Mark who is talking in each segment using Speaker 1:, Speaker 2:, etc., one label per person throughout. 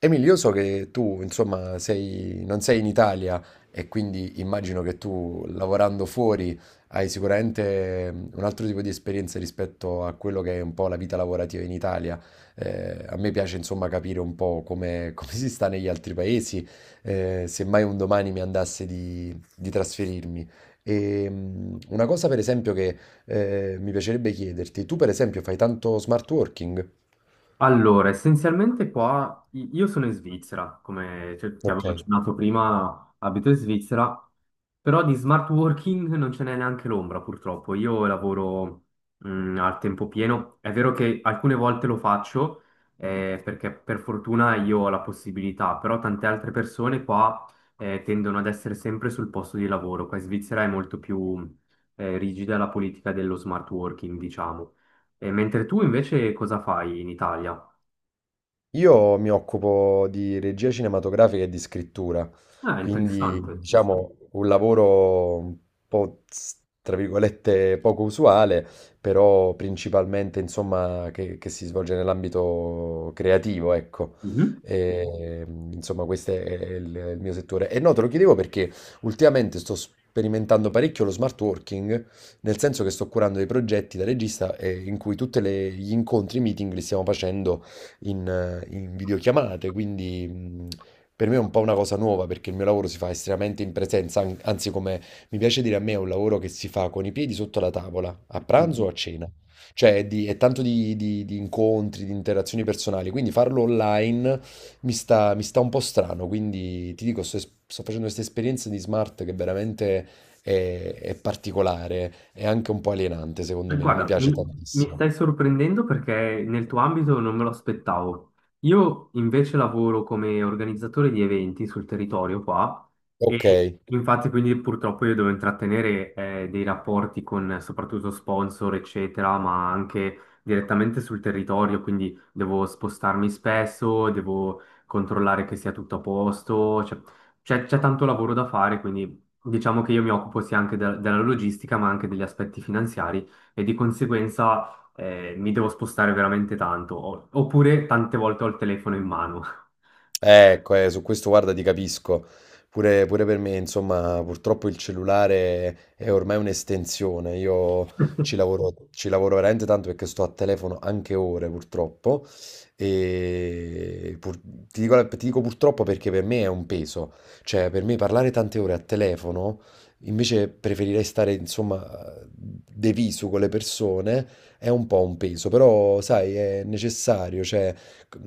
Speaker 1: Emil, io so che tu, insomma, non sei in Italia e quindi immagino che tu, lavorando fuori, hai sicuramente un altro tipo di esperienza rispetto a quello che è un po' la vita lavorativa in Italia. A me piace, insomma, capire un po' come, come si sta negli altri paesi, se mai un domani mi andasse di trasferirmi. E, una cosa, per esempio, che mi piacerebbe chiederti, tu, per esempio, fai tanto smart working?
Speaker 2: Allora, essenzialmente qua io sono in Svizzera, come, cioè, ti
Speaker 1: Ok.
Speaker 2: avevo accennato prima, abito in Svizzera, però di smart working non ce n'è neanche l'ombra, purtroppo. Io lavoro al tempo pieno, è vero che alcune volte lo faccio, perché per fortuna io ho la possibilità, però tante altre persone qua tendono ad essere sempre sul posto di lavoro. Qua in Svizzera è molto più rigida la politica dello smart working, diciamo. E mentre tu invece cosa fai in Italia?
Speaker 1: Io mi occupo di regia cinematografica e di scrittura,
Speaker 2: Ah,
Speaker 1: quindi
Speaker 2: interessante.
Speaker 1: diciamo un lavoro un po' tra virgolette poco usuale, però principalmente insomma che si svolge nell'ambito creativo, ecco.
Speaker 2: Mhm,
Speaker 1: E, insomma, questo è il mio settore. E no, te lo chiedevo perché ultimamente sto sperimentando parecchio lo smart working, nel senso che sto curando dei progetti da regista in cui tutti gli incontri, i meeting li stiamo facendo in videochiamate, quindi per me è un po' una cosa nuova perché il mio lavoro si fa estremamente in presenza, anzi, come mi piace dire, a me è un lavoro che si fa con i piedi sotto la tavola, a pranzo
Speaker 2: mhm.
Speaker 1: o a cena. Cioè è, è tanto di incontri, di interazioni personali, quindi farlo online mi sta un po' strano, quindi ti dico, sto facendo questa esperienza di smart che veramente è particolare, è anche un po' alienante secondo me, non mi
Speaker 2: Guarda,
Speaker 1: piace
Speaker 2: mi
Speaker 1: tantissimo.
Speaker 2: stai sorprendendo perché nel tuo ambito non me lo aspettavo. Io invece lavoro come organizzatore di eventi sul territorio qua,
Speaker 1: Ok.
Speaker 2: e infatti quindi purtroppo io devo intrattenere, dei rapporti con, soprattutto sponsor, eccetera, ma anche direttamente sul territorio, quindi devo spostarmi spesso, devo controllare che sia tutto a posto, cioè, c'è tanto lavoro da fare, quindi diciamo che io mi occupo sia anche della logistica ma anche degli aspetti finanziari e di conseguenza, mi devo spostare veramente tanto, oppure tante volte ho il telefono in mano.
Speaker 1: Ecco, su questo guarda ti capisco. Pure per me, insomma, purtroppo il cellulare è ormai un'estensione. Io ci lavoro, ci lavoro veramente tanto perché sto a telefono anche ore, purtroppo. E ti dico purtroppo perché per me è un peso. Cioè, per me parlare tante ore a telefono, invece preferirei stare, insomma, de viso con le persone, è un po' un peso. Però, sai, è necessario, cioè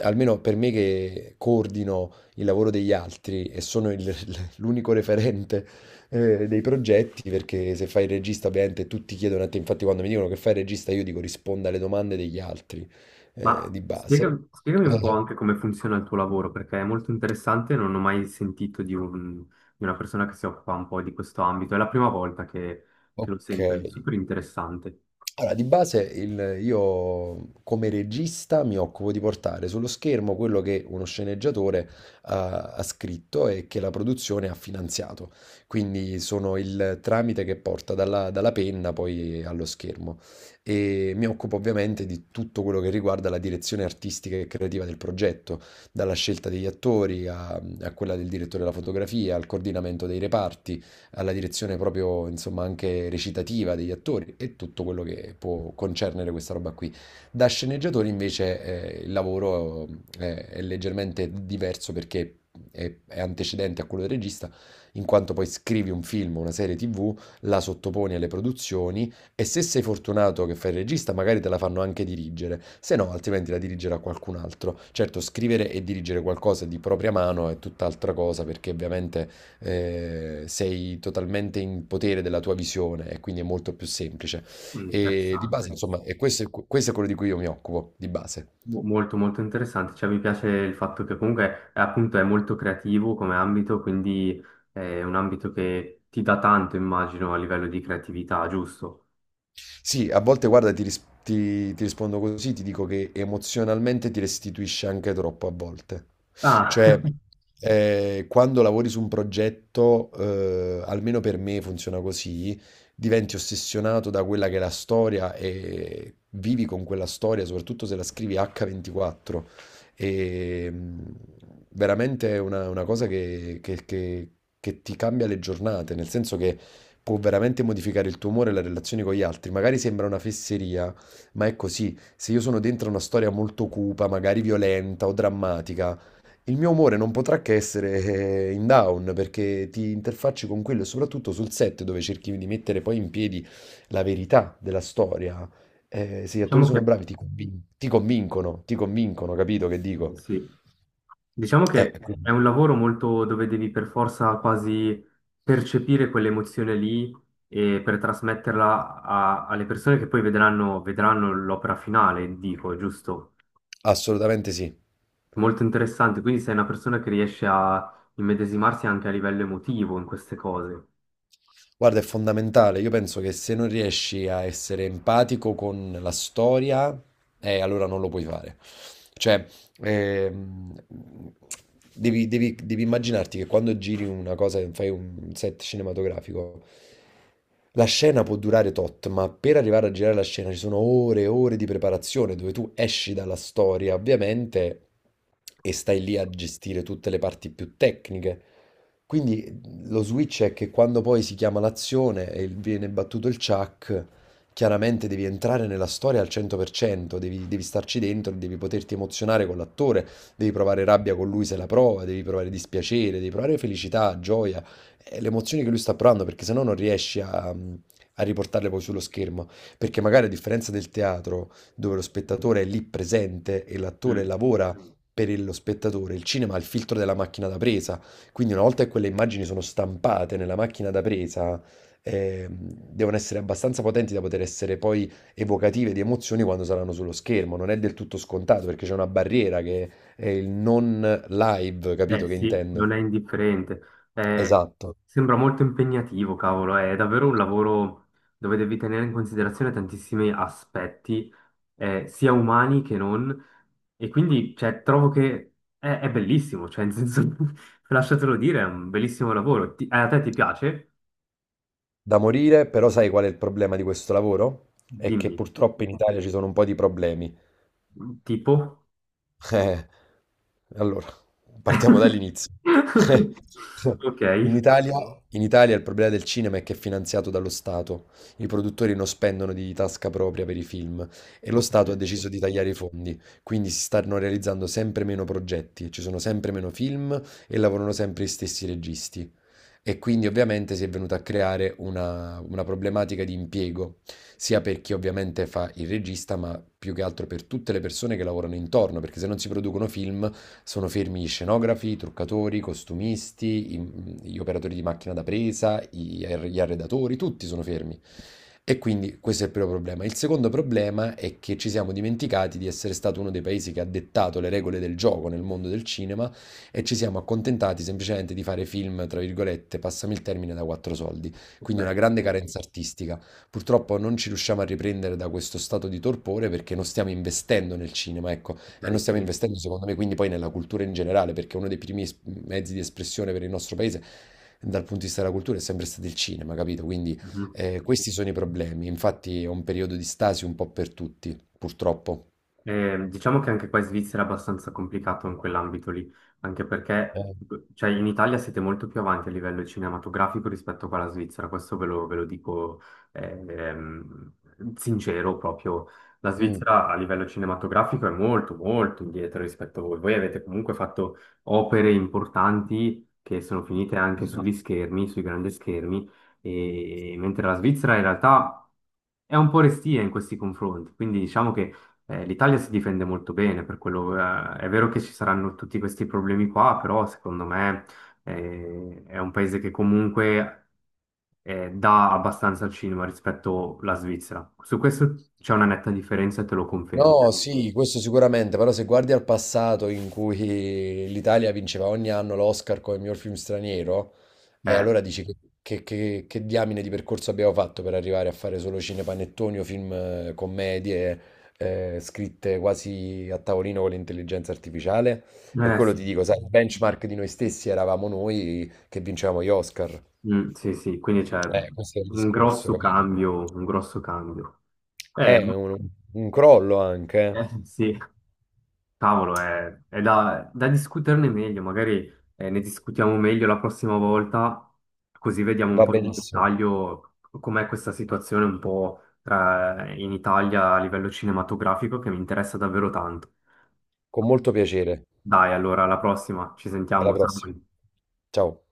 Speaker 1: almeno per me che coordino il lavoro degli altri e sono l'unico referente dei progetti, perché se fai il regista ovviamente tutti chiedono a te, infatti quando mi dicono che fai il regista io dico risponda alle domande degli altri
Speaker 2: Ma
Speaker 1: di base.
Speaker 2: spiegami un po' anche come funziona il tuo lavoro, perché è molto interessante, non ho mai sentito di, di una persona che si occupa un po' di questo ambito, è la prima volta che lo
Speaker 1: Ok,
Speaker 2: sento, è super interessante.
Speaker 1: allora, di base io come regista mi occupo di portare sullo schermo quello che uno sceneggiatore ha scritto e che la produzione ha finanziato. Quindi sono il tramite che porta dalla penna poi allo schermo. E mi occupo ovviamente di tutto quello che riguarda la direzione artistica e creativa del progetto, dalla scelta degli attori a quella del direttore della fotografia, al coordinamento dei reparti, alla direzione proprio, insomma, anche recitativa degli attori e tutto quello che può concernere questa roba qui. Da sceneggiatori invece il lavoro è leggermente diverso perché è antecedente a quello del regista, in quanto poi scrivi un film, una serie TV, la sottoponi alle produzioni e se sei fortunato che fai il regista, magari te la fanno anche dirigere, se no altrimenti la dirigerà qualcun altro. Certo, scrivere e dirigere qualcosa di propria mano è tutt'altra cosa perché ovviamente sei totalmente in potere della tua visione e quindi è molto più semplice.
Speaker 2: Mm,
Speaker 1: E di base,
Speaker 2: interessante.
Speaker 1: insomma, e questo è quello di cui io mi occupo, di base.
Speaker 2: Molto molto interessante, cioè mi piace il fatto che comunque, appunto, è molto creativo come ambito, quindi è un ambito che ti dà tanto, immagino, a livello di creatività, giusto?
Speaker 1: Sì, a volte guarda, ti rispondo così, ti dico che emozionalmente ti restituisce anche troppo a volte.
Speaker 2: Ah,
Speaker 1: Cioè, quando lavori su un progetto, almeno per me funziona così, diventi ossessionato da quella che è la storia e vivi con quella storia, soprattutto se la scrivi H24. E veramente è una cosa che ti cambia le giornate, nel senso che può veramente modificare il tuo umore e la relazione con gli altri. Magari sembra una fesseria, ma è così. Se io sono dentro una storia molto cupa, magari violenta o drammatica, il mio umore non potrà che essere in down perché ti interfacci con quello e soprattutto sul set dove cerchi di mettere poi in piedi la verità della storia. Se gli attori
Speaker 2: diciamo,
Speaker 1: sono
Speaker 2: certo.
Speaker 1: bravi, ti convincono, capito che
Speaker 2: Che,
Speaker 1: dico?
Speaker 2: sì, diciamo che è
Speaker 1: Quindi,
Speaker 2: un lavoro molto dove devi per forza quasi percepire quell'emozione lì e per trasmetterla alle persone che poi vedranno, vedranno l'opera finale, dico, giusto?
Speaker 1: assolutamente sì.
Speaker 2: Molto interessante, quindi sei una persona che riesce a immedesimarsi anche a livello emotivo in queste cose.
Speaker 1: Guarda, è fondamentale. Io penso che se non riesci a essere empatico con la storia, allora non lo puoi fare. Cioè, ehm, devi immaginarti che quando giri una cosa, fai un set cinematografico, la scena può durare tot, ma per arrivare a girare la scena ci sono ore e ore di preparazione dove tu esci dalla storia, ovviamente, e stai lì a gestire tutte le parti più tecniche. Quindi lo switch è che quando poi si chiama l'azione e viene battuto il chuck, chiaramente devi entrare nella storia al 100%, devi starci dentro, devi poterti emozionare con l'attore, devi provare rabbia con lui se la prova, devi provare dispiacere, devi provare felicità, gioia, e le emozioni che lui sta provando, perché sennò non riesci a riportarle poi sullo schermo. Perché magari a differenza del teatro, dove lo spettatore è lì presente e l'attore
Speaker 2: Mm.
Speaker 1: lavora per lo spettatore, il cinema ha il filtro della macchina da presa, quindi una volta che quelle immagini sono stampate nella macchina da presa, ehm, devono essere abbastanza potenti da poter essere poi evocative di emozioni quando saranno sullo schermo. Non è del tutto scontato perché c'è una barriera che è il non live,
Speaker 2: Eh
Speaker 1: capito che
Speaker 2: sì,
Speaker 1: intendo?
Speaker 2: non è indifferente. Eh,
Speaker 1: Esatto,
Speaker 2: sembra molto impegnativo, cavolo, è davvero un lavoro dove devi tenere in considerazione tantissimi aspetti, sia umani che non, e quindi cioè, trovo che è bellissimo, cioè, in senso, lasciatelo dire, è un bellissimo lavoro. A te ti piace?
Speaker 1: da morire, però sai qual è il problema di questo lavoro? È che
Speaker 2: Dimmi,
Speaker 1: purtroppo in Italia ci sono un po' di problemi.
Speaker 2: tipo?
Speaker 1: Eh, allora, partiamo dall'inizio.
Speaker 2: Ok,
Speaker 1: In Italia, in Italia, il problema del cinema è che è finanziato dallo Stato. I produttori non spendono di tasca propria per i film e lo
Speaker 2: ok,
Speaker 1: Stato ha deciso di tagliare i fondi, quindi si stanno realizzando sempre meno progetti, ci sono sempre meno film e lavorano sempre gli stessi registi. E quindi ovviamente si è venuta a creare una problematica di impiego, sia per chi ovviamente fa il regista, ma più che altro per tutte le persone che lavorano intorno, perché se non si producono film sono fermi gli scenografi, i truccatori, i costumisti, gli operatori di macchina da presa, gli arredatori, tutti sono fermi. E quindi questo è il primo problema. Il secondo problema è che ci siamo dimenticati di essere stato uno dei paesi che ha dettato le regole del gioco nel mondo del cinema e ci siamo accontentati semplicemente di fare film, tra virgolette, passami il termine, da quattro soldi. Quindi una
Speaker 2: ok,
Speaker 1: grande carenza artistica. Purtroppo non ci riusciamo a riprendere da questo stato di torpore perché non stiamo investendo nel cinema, ecco, e
Speaker 2: ok,
Speaker 1: non stiamo
Speaker 2: sì.
Speaker 1: investendo secondo me quindi poi nella cultura in generale, perché uno dei primi mezzi di espressione per il nostro paese dal punto di vista della cultura è sempre stato il cinema, capito? Quindi
Speaker 2: Mhm.
Speaker 1: questi sono i problemi. Infatti è un periodo di stasi un po' per tutti, purtroppo.
Speaker 2: Diciamo che anche qua in Svizzera è abbastanza complicato in quell'ambito lì, anche perché
Speaker 1: Eh.
Speaker 2: cioè, in Italia siete molto più avanti a livello cinematografico rispetto qua alla Svizzera, questo ve lo dico, ehm, sincero proprio. La
Speaker 1: Mm.
Speaker 2: Svizzera a livello cinematografico è molto molto indietro rispetto a voi. Voi avete comunque fatto opere importanti che sono finite anche sugli schermi, sui grandi schermi, e mentre la Svizzera in realtà è un po' restia in questi confronti, quindi diciamo che, l'Italia si difende molto bene per quello, è vero che ci saranno tutti questi problemi qua, però secondo me, è un paese che comunque, dà abbastanza al cinema rispetto alla Svizzera. Su questo c'è una netta differenza e te lo confermo.
Speaker 1: No, sì, questo sicuramente, però se guardi al passato in cui l'Italia vinceva ogni anno l'Oscar come miglior film straniero, e
Speaker 2: Eh,
Speaker 1: allora dici che diamine di percorso abbiamo fatto per arrivare a fare solo cinepanettoni o film commedie scritte quasi a tavolino con l'intelligenza artificiale? Per quello ti
Speaker 2: sì.
Speaker 1: dico, sai, il benchmark di noi stessi eravamo noi che vincevamo gli Oscar.
Speaker 2: Mm, sì, sì, quindi c'è
Speaker 1: Questo è il
Speaker 2: un
Speaker 1: discorso,
Speaker 2: grosso
Speaker 1: capito?
Speaker 2: cambio, un grosso cambio. Eh,
Speaker 1: È un crollo anche, eh.
Speaker 2: sì. Cavolo, è da, da discuterne meglio, magari, ne discutiamo meglio la prossima volta, così vediamo un
Speaker 1: Va
Speaker 2: po' nel
Speaker 1: benissimo.
Speaker 2: dettaglio com'è questa situazione un po' in Italia a livello cinematografico, che mi interessa davvero tanto.
Speaker 1: Con molto piacere.
Speaker 2: Dai, allora, alla prossima, ci
Speaker 1: Alla
Speaker 2: sentiamo,
Speaker 1: prossima.
Speaker 2: Samuel.
Speaker 1: Ciao.